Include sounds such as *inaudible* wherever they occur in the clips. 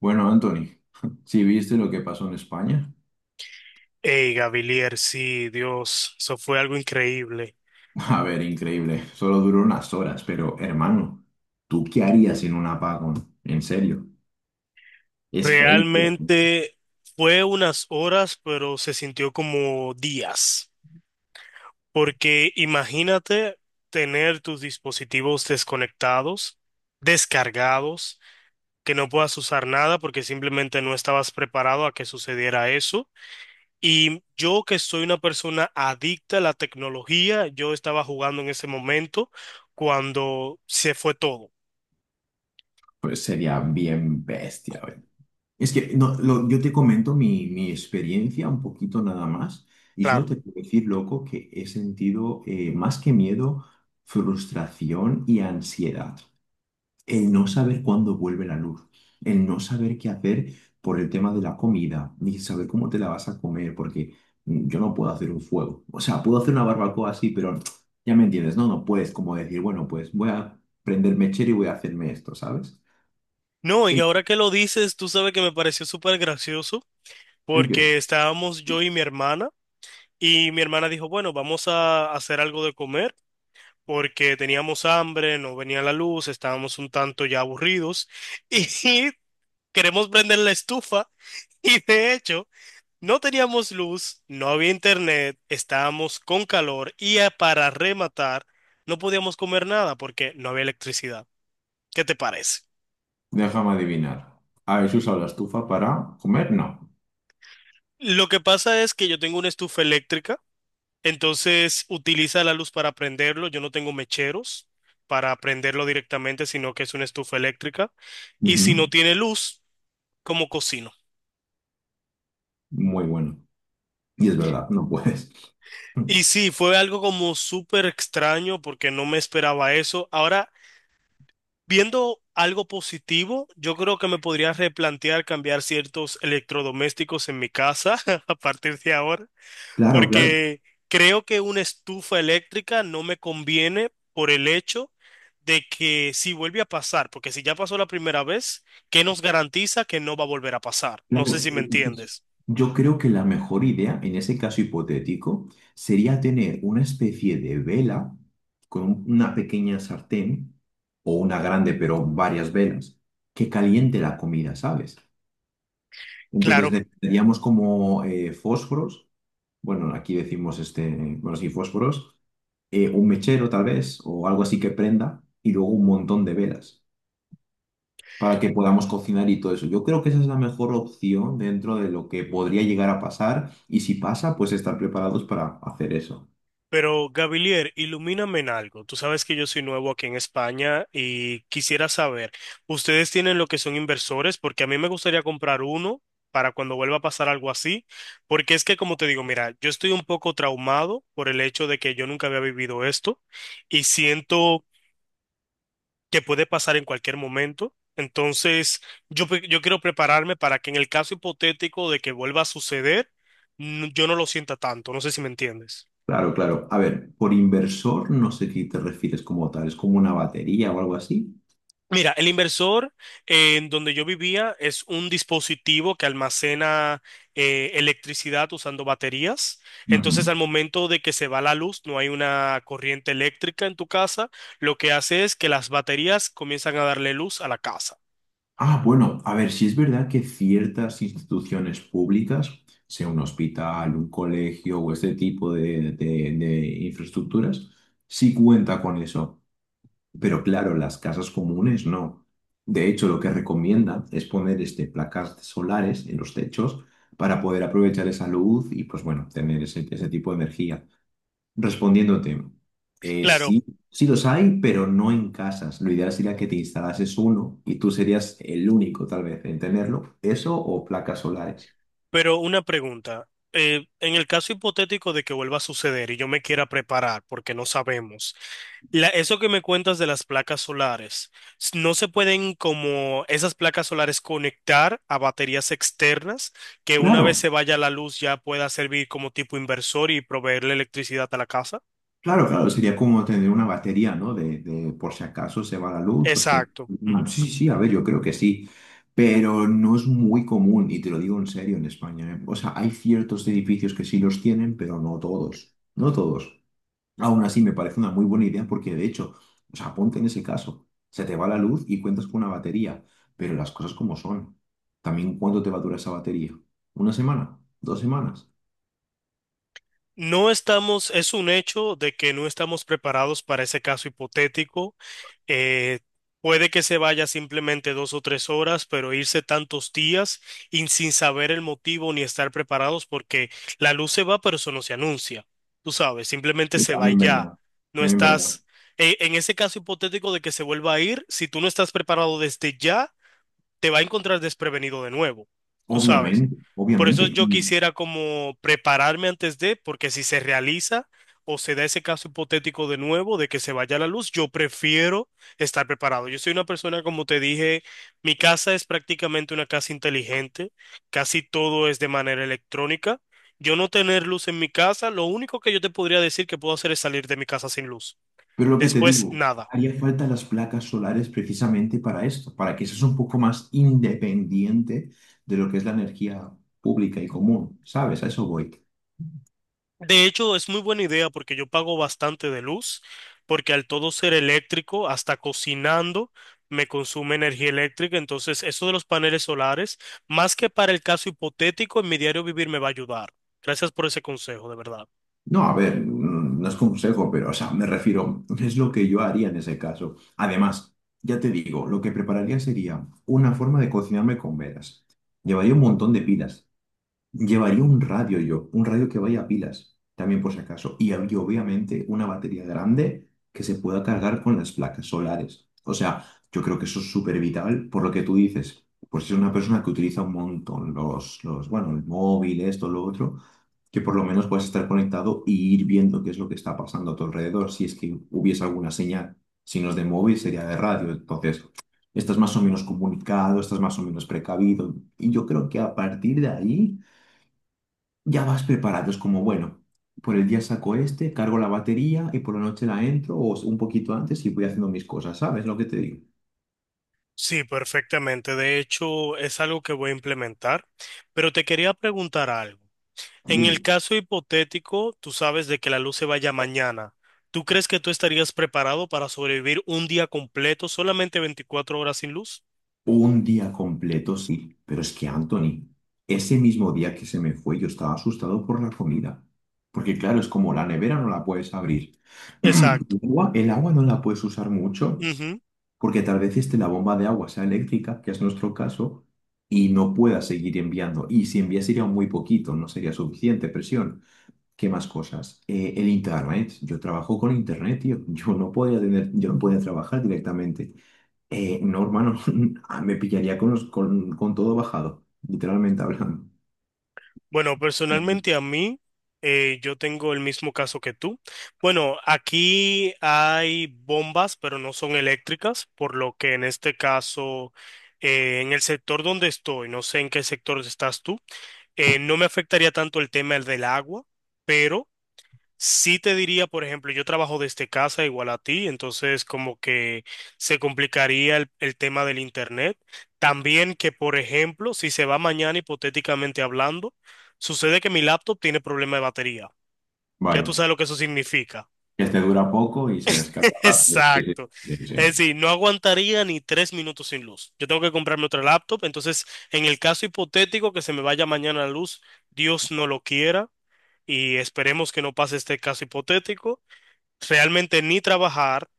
Bueno, Anthony, *laughs* ¿si viste lo que pasó en España? Hey, Gavilier, sí, Dios, eso fue algo increíble. *laughs* A ver, increíble. Solo duró unas horas, pero hermano, ¿tú qué harías en un apagón? En serio, es heavy. Tío. Realmente fue unas horas, pero se sintió como días. Porque imagínate tener tus dispositivos desconectados, descargados, que no puedas usar nada porque simplemente no estabas preparado a que sucediera eso. Y yo que soy una persona adicta a la tecnología, yo estaba jugando en ese momento cuando se fue todo. Pues sería bien bestia, güey. Es que no, yo te comento mi experiencia un poquito nada más y solo Claro. te puedo decir, loco, que he sentido más que miedo, frustración y ansiedad. El no saber cuándo vuelve la luz, el no saber qué hacer por el tema de la comida, ni saber cómo te la vas a comer, porque yo no puedo hacer un fuego. O sea, puedo hacer una barbacoa así, pero *tsk* ya me entiendes, ¿no? No puedes como decir, bueno, pues voy a prender mechero y voy a hacerme esto, ¿sabes? No, y ¿El, ahora que lo dices, tú sabes que me pareció súper gracioso ¿el qué? porque estábamos yo y mi hermana dijo, bueno, vamos a hacer algo de comer porque teníamos hambre, no venía la luz, estábamos un tanto ya aburridos *laughs* y queremos prender la estufa y de hecho no teníamos luz, no había internet, estábamos con calor y, para rematar no podíamos comer nada porque no había electricidad. ¿Qué te parece? Déjame adivinar. ¿Habéis usado la estufa para comer? No. Lo que pasa es que yo tengo una estufa eléctrica. Entonces utiliza la luz para prenderlo. Yo no tengo mecheros para prenderlo directamente, sino que es una estufa eléctrica. Y si Ujú. no tiene luz, ¿cómo cocino? Muy bueno. Y es verdad, no puedes. *laughs* Y sí, fue algo como súper extraño porque no me esperaba eso. Ahora, viendo algo positivo, yo creo que me podría replantear cambiar ciertos electrodomésticos en mi casa *laughs* a partir de ahora. Claro, claro. Porque creo que una estufa eléctrica no me conviene por el hecho de que si vuelve a pasar, porque si ya pasó la primera vez, ¿qué nos garantiza que no va a volver a pasar? No sé Claro, si me pues, entiendes. yo creo que la mejor idea en ese caso hipotético sería tener una especie de vela con una pequeña sartén o una grande, pero varias velas, que caliente la comida, ¿sabes? Entonces Claro. necesitaríamos como fósforos, bueno, aquí decimos bueno, sí, fósforos, un mechero tal vez o algo así que prenda y luego un montón de velas para que podamos cocinar y todo eso. Yo creo que esa es la mejor opción dentro de lo que podría llegar a pasar y si pasa, pues estar preparados para hacer eso. Pero Gabilier, ilumíname en algo. Tú sabes que yo soy nuevo aquí en España y quisiera saber, ¿ustedes tienen lo que son inversores? Porque a mí me gustaría comprar uno para cuando vuelva a pasar algo así. Porque es que, como te digo, mira, yo estoy un poco traumado por el hecho de que yo nunca había vivido esto y siento que puede pasar en cualquier momento. Entonces, yo, yo quiero prepararme para que en el caso hipotético de que vuelva a suceder, yo no lo sienta tanto. No sé si me entiendes. Claro, claro. A ver, por inversor no sé qué te refieres como tal, es como una batería o algo así. Mira, el inversor, en donde yo vivía es un dispositivo que almacena, electricidad usando baterías. Entonces, Ujú. al momento de que se va la luz, no hay una corriente eléctrica en tu casa, lo que hace es que las baterías comienzan a darle luz a la casa. Ah, bueno, a ver, si es verdad que ciertas instituciones públicas, sea un hospital, un colegio o este tipo de, de infraestructuras, sí cuenta con eso. Pero claro, las casas comunes no. De hecho, lo que recomienda es poner este, placas solares en los techos para poder aprovechar esa luz y, pues bueno, tener ese, ese tipo de energía. Respondiéndote, Claro. sí, sí los hay, pero no en casas. Lo ideal sería que te instalases uno y tú serías el único, tal vez, en tenerlo. Eso o placas solares. Pero una pregunta, en el caso hipotético de que vuelva a suceder y yo me quiera preparar, porque no sabemos, eso que me cuentas de las placas solares, ¿no se pueden como esas placas solares conectar a baterías externas que una Claro. vez se vaya la luz ya pueda servir como tipo inversor y proveerle electricidad a la casa? Claro, claro, sería como tener una batería, ¿no? De por si acaso se va la luz, pues que... Exacto. bueno, sí, sí, a ver, yo creo que sí, pero no es muy común, y te lo digo en serio, en España, ¿eh? O sea, hay ciertos edificios que sí los tienen, pero no todos, no todos. Aún así, me parece una muy buena idea porque, de hecho, o sea, ponte en ese caso, se te va la luz y cuentas con una batería, pero las cosas como son. También, ¿cuánto te va a durar esa batería? ¿Una semana? ¿Dos semanas? No estamos, es un hecho de que no estamos preparados para ese caso hipotético. Eh, puede que se vaya simplemente 2 o 3 horas, pero irse tantos días y sin saber el motivo ni estar preparados porque la luz se va, pero eso no se anuncia. Tú sabes, simplemente Y se va y también ya. verdad, No también verdad. estás, en ese caso hipotético de que se vuelva a ir, si tú no estás preparado desde ya, te va a encontrar desprevenido de nuevo, tú sabes. Obviamente, Por eso obviamente. yo quisiera como prepararme antes de, porque si se realiza o se da ese caso hipotético de nuevo de que se vaya la luz, yo prefiero estar preparado. Yo soy una persona, como te dije, mi casa es prácticamente una casa inteligente, casi todo es de manera electrónica. Yo no tener luz en mi casa, lo único que yo te podría decir que puedo hacer es salir de mi casa sin luz. Pero lo que te Después, digo, nada. haría falta las placas solares precisamente para esto, para que seas un poco más independiente de lo que es la energía pública y común, ¿sabes? A eso voy. De hecho, es muy buena idea porque yo pago bastante de luz, porque al todo ser eléctrico, hasta cocinando, me consume energía eléctrica. Entonces, eso de los paneles solares, más que para el caso hipotético, en mi diario vivir me va a ayudar. Gracias por ese consejo, de verdad. No, a ver, no es consejo, pero, o sea, me refiero, es lo que yo haría en ese caso. Además, ya te digo, lo que prepararía sería una forma de cocinarme con velas. Llevaría un montón de pilas. Llevaría un radio yo, un radio que vaya a pilas, también por si acaso. Y habría obviamente una batería grande que se pueda cargar con las placas solares. O sea, yo creo que eso es súper vital por lo que tú dices. Pues si es una persona que utiliza un montón bueno, el móvil, esto, lo otro, que por lo menos puedas estar conectado y ir viendo qué es lo que está pasando a tu alrededor. Si es que hubiese alguna señal, si no es de móvil, sería de radio. Entonces, estás más o menos comunicado, estás más o menos precavido. Y yo creo que a partir de ahí ya vas preparados como, bueno, por el día saco este, cargo la batería y por la noche la entro o un poquito antes y voy haciendo mis cosas, ¿sabes lo que te digo? Sí, perfectamente. De hecho, es algo que voy a implementar. Pero te quería preguntar algo. En el Dime. caso hipotético, tú sabes, de que la luz se vaya mañana. ¿Tú crees que tú estarías preparado para sobrevivir un día completo, solamente 24 horas sin luz? Un día completo, sí, pero es que Anthony, ese mismo día que se me fue, yo estaba asustado por la comida. Porque claro, es como la nevera no la puedes abrir. *clears throat* Exacto. El agua no la puedes usar mucho Ujú. porque tal vez esté la bomba de agua sea eléctrica, que es nuestro caso, y no pueda seguir enviando. Y si envía sería muy poquito, no sería suficiente presión. ¿Qué más cosas? El internet. Yo trabajo con internet, tío. *laughs* Yo no podía tener, yo no podía trabajar directamente. No, hermano, *laughs* ah, me pillaría con con todo bajado, literalmente hablando. Bueno, Ya. personalmente a mí, yo tengo el mismo caso que tú. Bueno, aquí hay bombas, pero no son eléctricas, por lo que en este caso, en el sector donde estoy, no sé en qué sector estás tú, no me afectaría tanto el tema del agua, pero... Sí te diría, por ejemplo, yo trabajo desde casa igual a ti, entonces como que se complicaría el tema del internet. También que, por ejemplo, si se va mañana hipotéticamente hablando, sucede que mi laptop tiene problema de batería. Ya tú Vaya, sabes lo que eso significa. este dura poco y se descarga *laughs* rápido. Sí, Exacto. sí, sí, sí. Es decir, no aguantaría ni 3 minutos sin luz. Yo tengo que comprarme otra laptop, entonces en el caso hipotético que se me vaya mañana la luz, Dios no lo quiera. Y esperemos que no pase este caso hipotético. Realmente ni trabajar,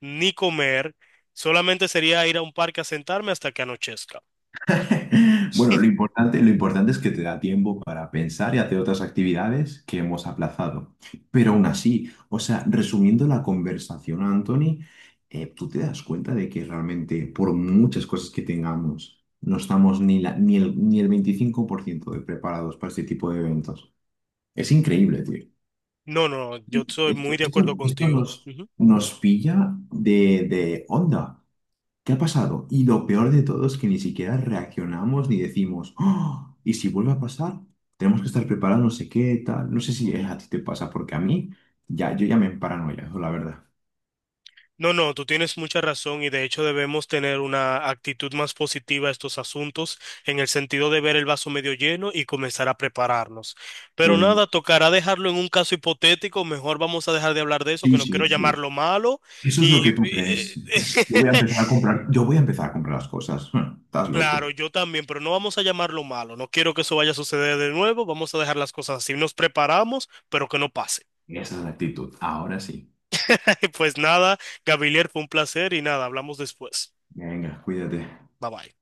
ni comer, solamente sería ir a un parque a sentarme hasta que anochezca. *laughs* Bueno, *laughs* lo importante es que te da tiempo para pensar y hacer otras actividades que hemos aplazado. Pero aún así, o sea, resumiendo la conversación, Anthony, tú te das cuenta de que realmente por muchas cosas que tengamos, no estamos ni, ni el 25% de preparados para este tipo de eventos. Es increíble, tío. No, no, yo estoy muy de acuerdo Esto contigo. nos, Ujú. nos pilla de onda. ¿Qué ha pasado? Y lo peor de todo es que ni siquiera reaccionamos ni decimos, "Oh, ¿y si vuelve a pasar? Tenemos que estar preparados, no sé qué, tal." No sé si a ti te pasa, porque a mí ya, yo ya me emparanoia, la verdad. No, no, tú tienes mucha razón y de hecho debemos tener una actitud más positiva a estos asuntos en el sentido de ver el vaso medio lleno y comenzar a prepararnos. Pero nada, Pues tocará dejarlo en un caso hipotético, mejor vamos a dejar de hablar de eso, que sí, no quiero sí, sí. llamarlo malo Eso es y lo que tú crees. *laughs* Yo voy a empezar a comprar las cosas. *laughs* Estás loco. claro, yo también, pero no vamos a llamarlo malo. No quiero que eso vaya a suceder de nuevo. Vamos a dejar las cosas así. Nos preparamos, pero que no pase. Esa es la actitud. Ahora sí. *laughs* Pues nada, Gavilier, fue un placer y nada, hablamos después. Venga, cuídate. Bye bye.